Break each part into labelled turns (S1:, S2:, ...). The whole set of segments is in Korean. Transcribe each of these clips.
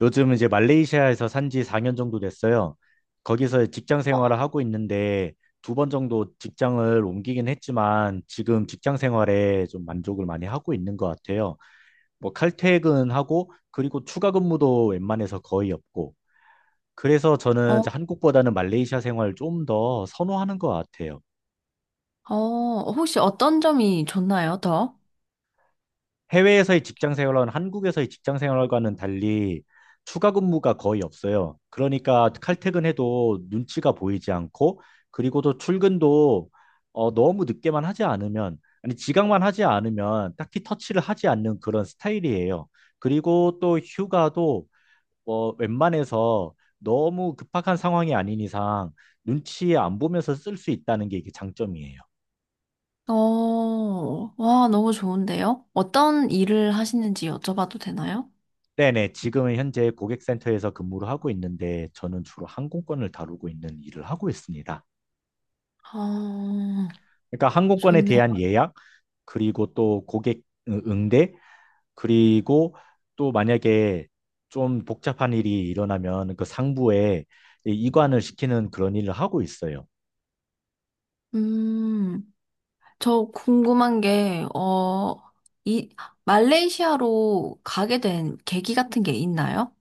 S1: 요즘 이제 말레이시아에서 산지 4년 정도 됐어요. 거기서 직장 생활을 하고 있는데 두 번 정도 직장을 옮기긴 했지만 지금 직장 생활에 좀 만족을 많이 하고 있는 것 같아요. 뭐 칼퇴근하고 그리고 추가 근무도 웬만해서 거의 없고. 그래서 저는
S2: 어,
S1: 이제 한국보다는 말레이시아 생활을 좀 더 선호하는 것 같아요.
S2: 혹시 어떤 점이 좋나요, 더?
S1: 해외에서의 직장 생활은 한국에서의 직장 생활과는 달리 추가 근무가 거의 없어요. 그러니까 칼퇴근해도 눈치가 보이지 않고 그리고 또 출근도 너무 늦게만 하지 않으면 아니 지각만 하지 않으면 딱히 터치를 하지 않는 그런 스타일이에요. 그리고 또 휴가도 웬만해서 너무 급박한 상황이 아닌 이상 눈치 안 보면서 쓸 수 있다는 게 이게 장점이에요.
S2: 어, 와, 너무 좋은데요? 어떤 일을 하시는지 여쭤봐도 되나요?
S1: 네네, 지금은 현재 고객센터에서 근무를 하고 있는데 저는 주로 항공권을 다루고 있는 일을 하고 있습니다.
S2: 어,
S1: 그러니까 항공권에
S2: 좋네요.
S1: 대한 예약, 그리고 또 고객 응대, 그리고 또 만약에 좀 복잡한 일이 일어나면 그 상부에 이관을 시키는 그런 일을 하고 있어요.
S2: 음, 저 궁금한 게, 이, 말레이시아로 가게 된 계기 같은 게 있나요?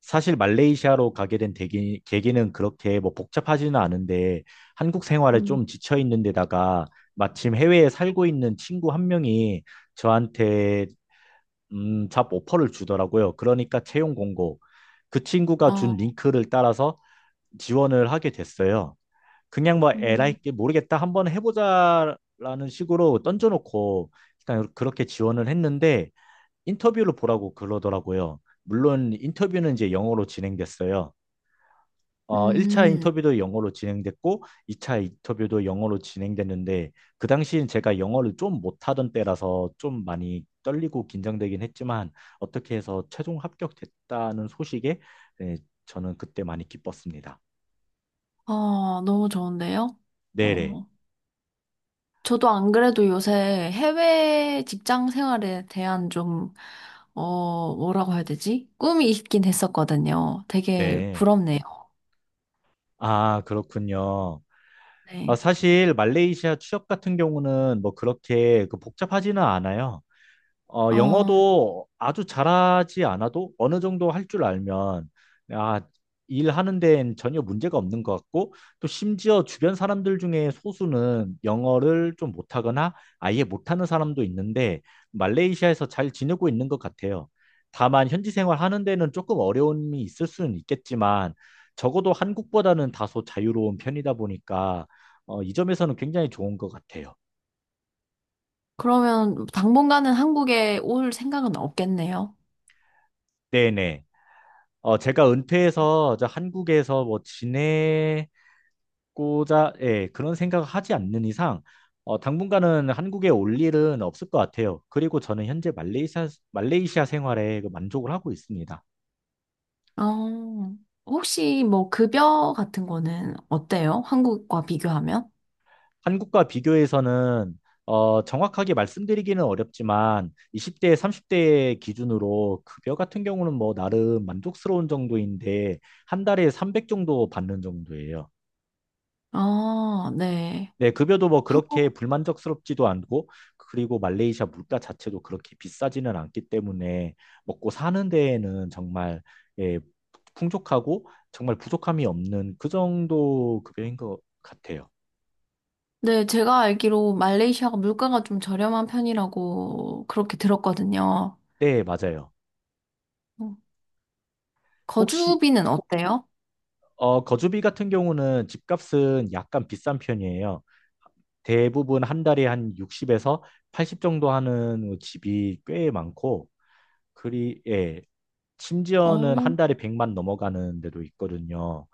S1: 사실 말레이시아로 가게 된 계기는 그렇게 뭐 복잡하지는 않은데 한국 생활에
S2: 음,
S1: 좀 지쳐 있는 데다가 마침 해외에 살고 있는 친구 한 명이 저한테 잡 오퍼를 주더라고요. 그러니까 채용 공고, 그 친구가 준
S2: 어,
S1: 링크를 따라서 지원을 하게 됐어요. 그냥 뭐 에라이
S2: 음,
S1: 게 모르겠다 한번 해보자라는 식으로 던져놓고 그냥 그렇게 지원을 했는데 인터뷰를 보라고 그러더라고요. 물론 인터뷰는 이제 영어로 진행됐어요. 1차
S2: 음,
S1: 인터뷰도 영어로 진행됐고, 2차 인터뷰도 영어로 진행됐는데, 그 당시엔 제가 영어를 좀 못하던 때라서 좀 많이 떨리고 긴장되긴 했지만, 어떻게 해서 최종 합격됐다는 소식에 네, 저는 그때 많이 기뻤습니다.
S2: 어, 너무 좋은데요?
S1: 네네.
S2: 어, 저도 안 그래도 요새 해외 직장 생활에 대한 좀, 어, 뭐라고 해야 되지? 꿈이 있긴 했었거든요. 되게
S1: 네.
S2: 부럽네요.
S1: 아, 그렇군요. 아,
S2: 네.
S1: 사실 말레이시아 취업 같은 경우는 뭐 그렇게 그 복잡하지는 않아요.
S2: 어,
S1: 영어도 아주 잘하지 않아도 어느 정도 할 줄 알면, 아, 일하는 데엔 전혀 문제가 없는 것 같고, 또 심지어 주변 사람들 중에 소수는 영어를 좀 못하거나 아예 못하는 사람도 있는데, 말레이시아에서 잘 지내고 있는 것 같아요. 다만, 현지 생활하는 데는 조금 어려움이 있을 수는 있겠지만, 적어도 한국보다는 다소 자유로운 편이다 보니까, 이 점에서는 굉장히 좋은 것 같아요.
S2: 그러면 당분간은 한국에 올 생각은 없겠네요.
S1: 네네. 제가 은퇴해서 저 한국에서 뭐 지내고자, 예, 그런 생각을 하지 않는 이상, 당분간은 한국에 올 일은 없을 것 같아요. 그리고 저는 현재 말레이시아 생활에 그 만족을 하고 있습니다.
S2: 어, 혹시 뭐 급여 같은 거는 어때요? 한국과 비교하면?
S1: 한국과 비교해서는, 정확하게 말씀드리기는 어렵지만, 20대, 30대 기준으로 급여 같은 경우는 뭐 나름 만족스러운 정도인데, 한 달에 300 정도 받는 정도예요.
S2: 아, 네.
S1: 네, 급여도 뭐 그렇게
S2: 한국,
S1: 불만족스럽지도 않고, 그리고 말레이시아 물가 자체도 그렇게 비싸지는 않기 때문에 먹고 사는 데에는 정말 예, 풍족하고 정말 부족함이 없는 그 정도 급여인 것 같아요.
S2: 네, 제가 알기로 말레이시아가 물가가 좀 저렴한 편이라고 그렇게 들었거든요.
S1: 네, 맞아요.
S2: 어,
S1: 혹시
S2: 거주비는 어때요?
S1: 거주비 같은 경우는 집값은 약간 비싼 편이에요. 대부분 한 달에 한 60에서 80 정도 하는 집이 꽤 많고, 예, 심지어는
S2: 어,
S1: 한 달에 100만 넘어가는 데도 있거든요.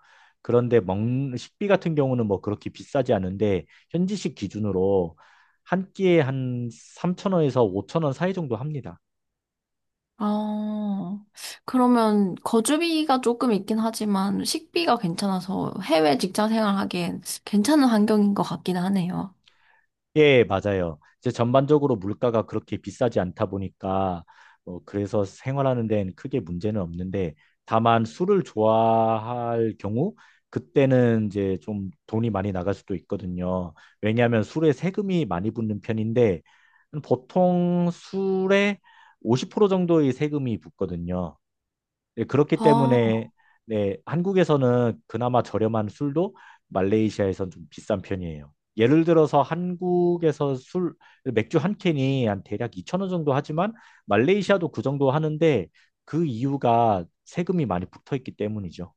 S1: 그런데 먹 식비 같은 경우는 뭐 그렇게 비싸지 않은데 현지식 기준으로 한 끼에 한 3천 원에서 5천 원 사이 정도 합니다.
S2: 아, 그러면 거주비가 조금 있긴 하지만 식비가 괜찮아서 해외 직장 생활하기엔 괜찮은 환경인 것 같긴 하네요.
S1: 예, 맞아요. 이제 전반적으로 물가가 그렇게 비싸지 않다 보니까 그래서 생활하는 데는 크게 문제는 없는데 다만 술을 좋아할 경우 그때는 이제 좀 돈이 많이 나갈 수도 있거든요. 왜냐하면 술에 세금이 많이 붙는 편인데 보통 술에 50% 정도의 세금이 붙거든요. 네, 그렇기
S2: 아,
S1: 때문에 네, 한국에서는 그나마 저렴한 술도 말레이시아에선 좀 비싼 편이에요. 예를 들어서 한국에서 술 맥주 한 캔이 한 대략 2천 원 정도 하지만 말레이시아도 그 정도 하는데 그 이유가 세금이 많이 붙어 있기 때문이죠.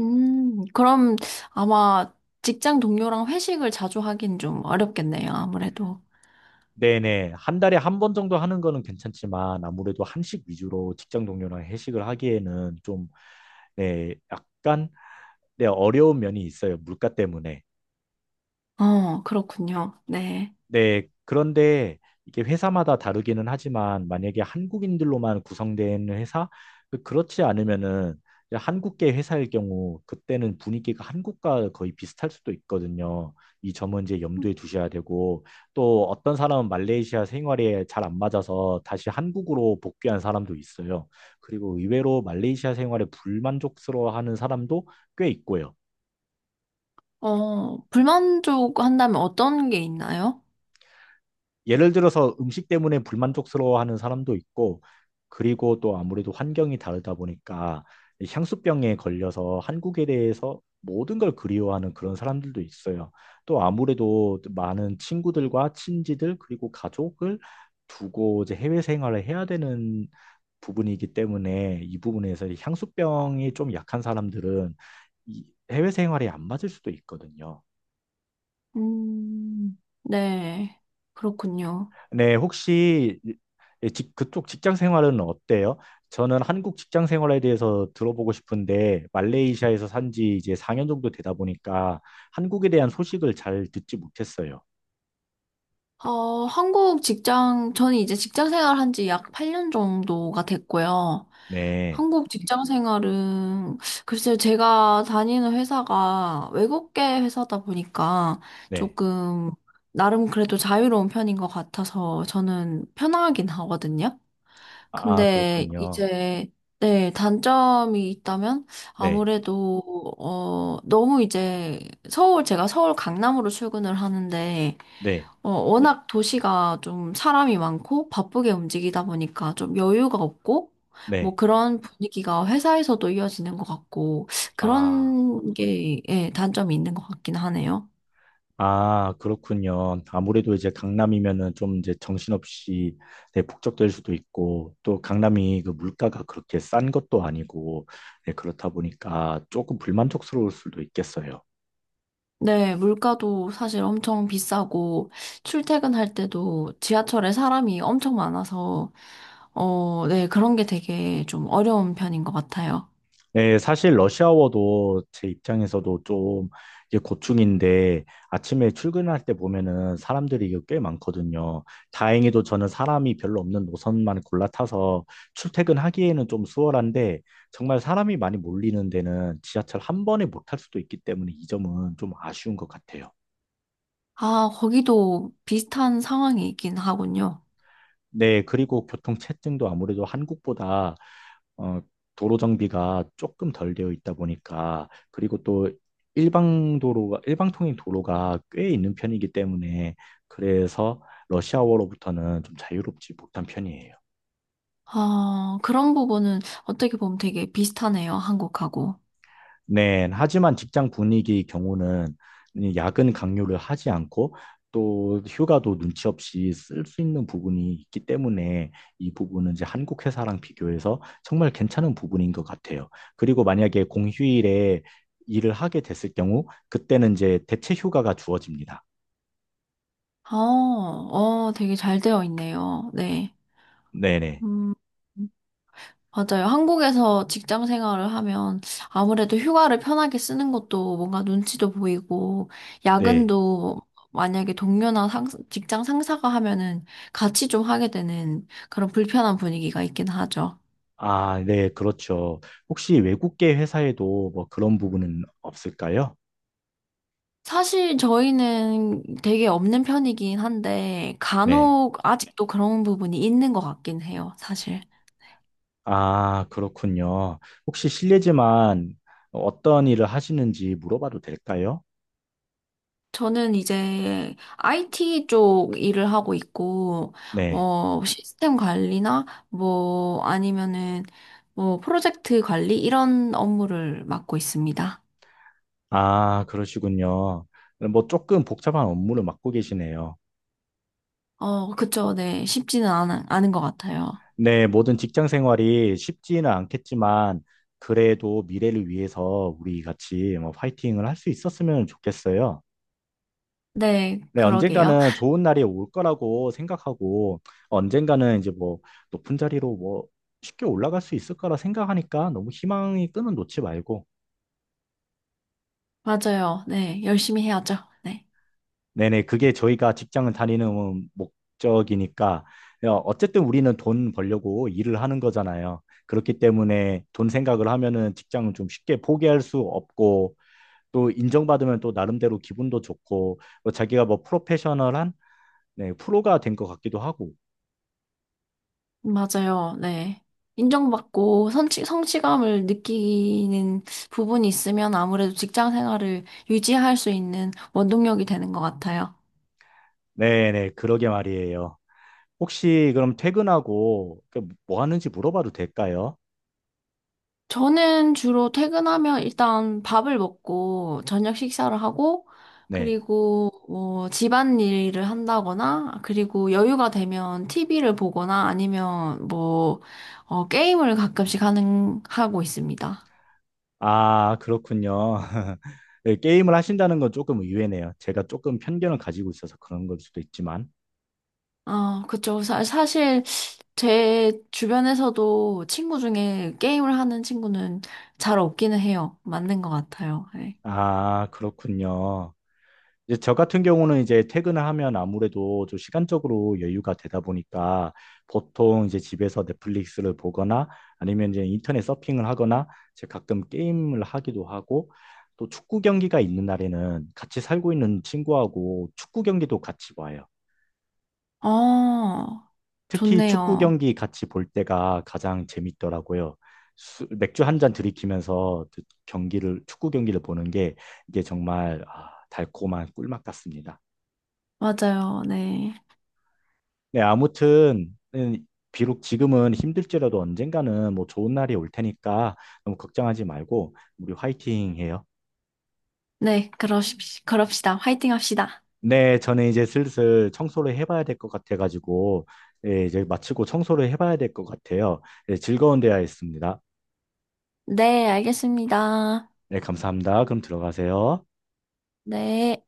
S2: 그럼 아마 직장 동료랑 회식을 자주 하긴 좀 어렵겠네요, 아무래도.
S1: 네네. 한 달에 한 번 정도 하는 거는 괜찮지만 아무래도 한식 위주로 직장 동료랑 회식을 하기에는 좀 네, 약간 네, 어려운 면이 있어요. 물가 때문에.
S2: 어, 그렇군요. 네.
S1: 네, 그런데 이게 회사마다 다르기는 하지만 만약에 한국인들로만 구성된 회사, 그 그렇지 않으면은 이제 한국계 회사일 경우 그때는 분위기가 한국과 거의 비슷할 수도 있거든요. 이 점은 이제 염두에 두셔야 되고 또 어떤 사람은 말레이시아 생활에 잘 안 맞아서 다시 한국으로 복귀한 사람도 있어요. 그리고 의외로 말레이시아 생활에 불만족스러워하는 사람도 꽤 있고요.
S2: 불만족 한다면 어떤 게 있나요?
S1: 예를 들어서 음식 때문에 불만족스러워하는 사람도 있고 그리고 또 아무래도 환경이 다르다 보니까 이 향수병에 걸려서 한국에 대해서 모든 걸 그리워하는 그런 사람들도 있어요. 또 아무래도 많은 친구들과 친지들 그리고 가족을 두고 이제 해외 생활을 해야 되는 부분이기 때문에 이 부분에서 이 향수병이 좀 약한 사람들은 이 해외 생활에 안 맞을 수도 있거든요.
S2: 음, 네. 그렇군요.
S1: 네, 혹시 그쪽 직장 생활은 어때요? 저는 한국 직장 생활에 대해서 들어보고 싶은데, 말레이시아에서 산지 이제 4년 정도 되다 보니까 한국에 대한 소식을 잘 듣지 못했어요.
S2: 어, 한국 직장, 저는 이제 직장 생활한 지 약 8년 정도가 됐고요.
S1: 네,
S2: 한국 직장 생활은, 글쎄요, 제가 다니는 회사가 외국계 회사다 보니까
S1: 네.
S2: 조금, 나름 그래도 자유로운 편인 것 같아서 저는 편하긴 하거든요.
S1: 아,
S2: 근데
S1: 그렇군요.
S2: 이제 네, 단점이 있다면
S1: 네,
S2: 아무래도 너무 이제 서울 제가 서울 강남으로 출근을 하는데
S1: 네,
S2: 워낙 도시가 좀 사람이 많고 바쁘게 움직이다 보니까 좀 여유가 없고 뭐
S1: 네.
S2: 그런 분위기가 회사에서도 이어지는 것 같고
S1: 아.
S2: 그런 게 예, 단점이 있는 것 같긴 하네요.
S1: 아, 그렇군요. 아무래도 이제 강남이면은 좀 이제 정신없이 네, 북적될 수도 있고 또 강남이 그 물가가 그렇게 싼 것도 아니고 네, 그렇다 보니까 조금 불만족스러울 수도 있겠어요.
S2: 네, 물가도 사실 엄청 비싸고, 출퇴근할 때도 지하철에 사람이 엄청 많아서, 어, 네, 그런 게 되게 좀 어려운 편인 것 같아요.
S1: 네, 사실 러시아워도 제 입장에서도 좀 이제 고충인데 아침에 출근할 때 보면은 사람들이 이거 꽤 많거든요. 다행히도 저는 사람이 별로 없는 노선만 골라 타서 출퇴근하기에는 좀 수월한데 정말 사람이 많이 몰리는 데는 지하철 한 번에 못 탈 수도 있기 때문에 이 점은 좀 아쉬운 것 같아요.
S2: 아, 거기도 비슷한 상황이 있긴 하군요.
S1: 네, 그리고 교통체증도 아무래도 한국보다 어, 도로 정비가 조금 덜 되어 있다 보니까 그리고 또 일방 도로가 일방통행 도로가 꽤 있는 편이기 때문에 그래서 러시아워로부터는 좀 자유롭지 못한 편이에요.
S2: 아, 그런 부분은 어떻게 보면 되게 비슷하네요, 한국하고.
S1: 네, 하지만 직장 분위기 경우는 이 야근 강요를 하지 않고 또 휴가도 눈치 없이 쓸 수 있는 부분이 있기 때문에 이 부분은 이제 한국 회사랑 비교해서 정말 괜찮은 부분인 것 같아요. 그리고 만약에 공휴일에 일을 하게 됐을 경우 그때는 이제 대체 휴가가 주어집니다.
S2: 어, 어, 되게 잘 되어 있네요. 네.
S1: 네네.
S2: 음. 맞아요. 한국에서 직장 생활을 하면 아무래도 휴가를 편하게 쓰는 것도 뭔가 눈치도 보이고,
S1: 네. 네.
S2: 야근도 만약에 동료나 직장 상사가 하면은 같이 좀 하게 되는 그런 불편한 분위기가 있긴 하죠.
S1: 아, 네, 그렇죠. 혹시 외국계 회사에도 뭐 그런 부분은 없을까요?
S2: 사실 저희는 되게 없는 편이긴 한데,
S1: 네.
S2: 간혹 아직도 그런 부분이 있는 것 같긴 해요, 사실.
S1: 아, 그렇군요. 혹시 실례지만 어떤 일을 하시는지 물어봐도 될까요?
S2: 저는 이제 IT 쪽 일을 하고 있고,
S1: 네.
S2: 어, 시스템 관리나, 뭐, 아니면은, 뭐, 프로젝트 관리, 이런 업무를 맡고 있습니다.
S1: 아, 그러시군요. 뭐 조금 복잡한 업무를 맡고 계시네요.
S2: 어, 그쵸. 네. 않은 것 같아요.
S1: 네, 모든 직장 생활이 쉽지는 않겠지만 그래도 미래를 위해서 우리 같이 뭐 파이팅을 할 수 있었으면 좋겠어요.
S2: 네,
S1: 네,
S2: 그러게요.
S1: 언젠가는 좋은 날이 올 거라고 생각하고 언젠가는 이제 뭐 높은 자리로 뭐 쉽게 올라갈 수 있을 거라 생각하니까 너무 희망이 끊은 놓지 말고
S2: 맞아요. 네. 열심히 해야죠. 네.
S1: 네네, 그게 저희가 직장을 다니는 목적이니까, 어쨌든 우리는 돈 벌려고 일을 하는 거잖아요. 그렇기 때문에 돈 생각을 하면은 직장을 좀 쉽게 포기할 수 없고, 또 인정받으면 또 나름대로 기분도 좋고, 뭐 자기가 뭐 프로페셔널한, 네, 프로가 된 것 같기도 하고.
S2: 맞아요. 네. 인정받고 성취감을 느끼는 부분이 있으면 아무래도 직장 생활을 유지할 수 있는 원동력이 되는 것 같아요.
S1: 네네, 그러게 말이에요. 혹시 그럼 퇴근하고 그뭐 하는지 물어봐도 될까요?
S2: 저는 주로 퇴근하면 일단 밥을 먹고 저녁 식사를 하고
S1: 네.
S2: 그리고 뭐 집안일을 한다거나 그리고 여유가 되면 TV를 보거나 아니면 뭐 어, 게임을 가끔씩 하는 하고 있습니다.
S1: 아, 그렇군요. 예, 게임을 하신다는 건 조금 의외네요. 제가 조금 편견을 가지고 있어서 그런 걸 수도 있지만.
S2: 아 그쵸. 사실 제 주변에서도 친구 중에 게임을 하는 친구는 잘 없기는 해요. 맞는 것 같아요. 네.
S1: 아, 그렇군요. 이제 저 같은 경우는 이제 퇴근을 하면 아무래도 좀 시간적으로 여유가 되다 보니까 보통 이제 집에서 넷플릭스를 보거나 아니면 이제 인터넷 서핑을 하거나 제가 가끔 게임을 하기도 하고 또 축구 경기가 있는 날에는 같이 살고 있는 친구하고 축구 경기도 같이 봐요.
S2: 어,
S1: 특히 축구
S2: 좋네요.
S1: 경기 같이 볼 때가 가장 재밌더라고요. 맥주 한 잔 들이키면서 그 경기를, 축구 경기를 보는 게 이게 정말 아, 달콤한 꿀맛 같습니다.
S2: 맞아요. 네.
S1: 네, 아무튼, 비록 지금은 힘들지라도 언젠가는 뭐 좋은 날이 올 테니까 너무 걱정하지 말고 우리 화이팅 해요.
S2: 그럽시다. 화이팅 합시다.
S1: 네, 저는 이제 슬슬 청소를 해봐야 될 것 같아가지고, 예, 이제 마치고 청소를 해봐야 될 것 같아요. 예, 즐거운 대화였습니다.
S2: 네, 알겠습니다.
S1: 네, 감사합니다. 그럼 들어가세요.
S2: 네.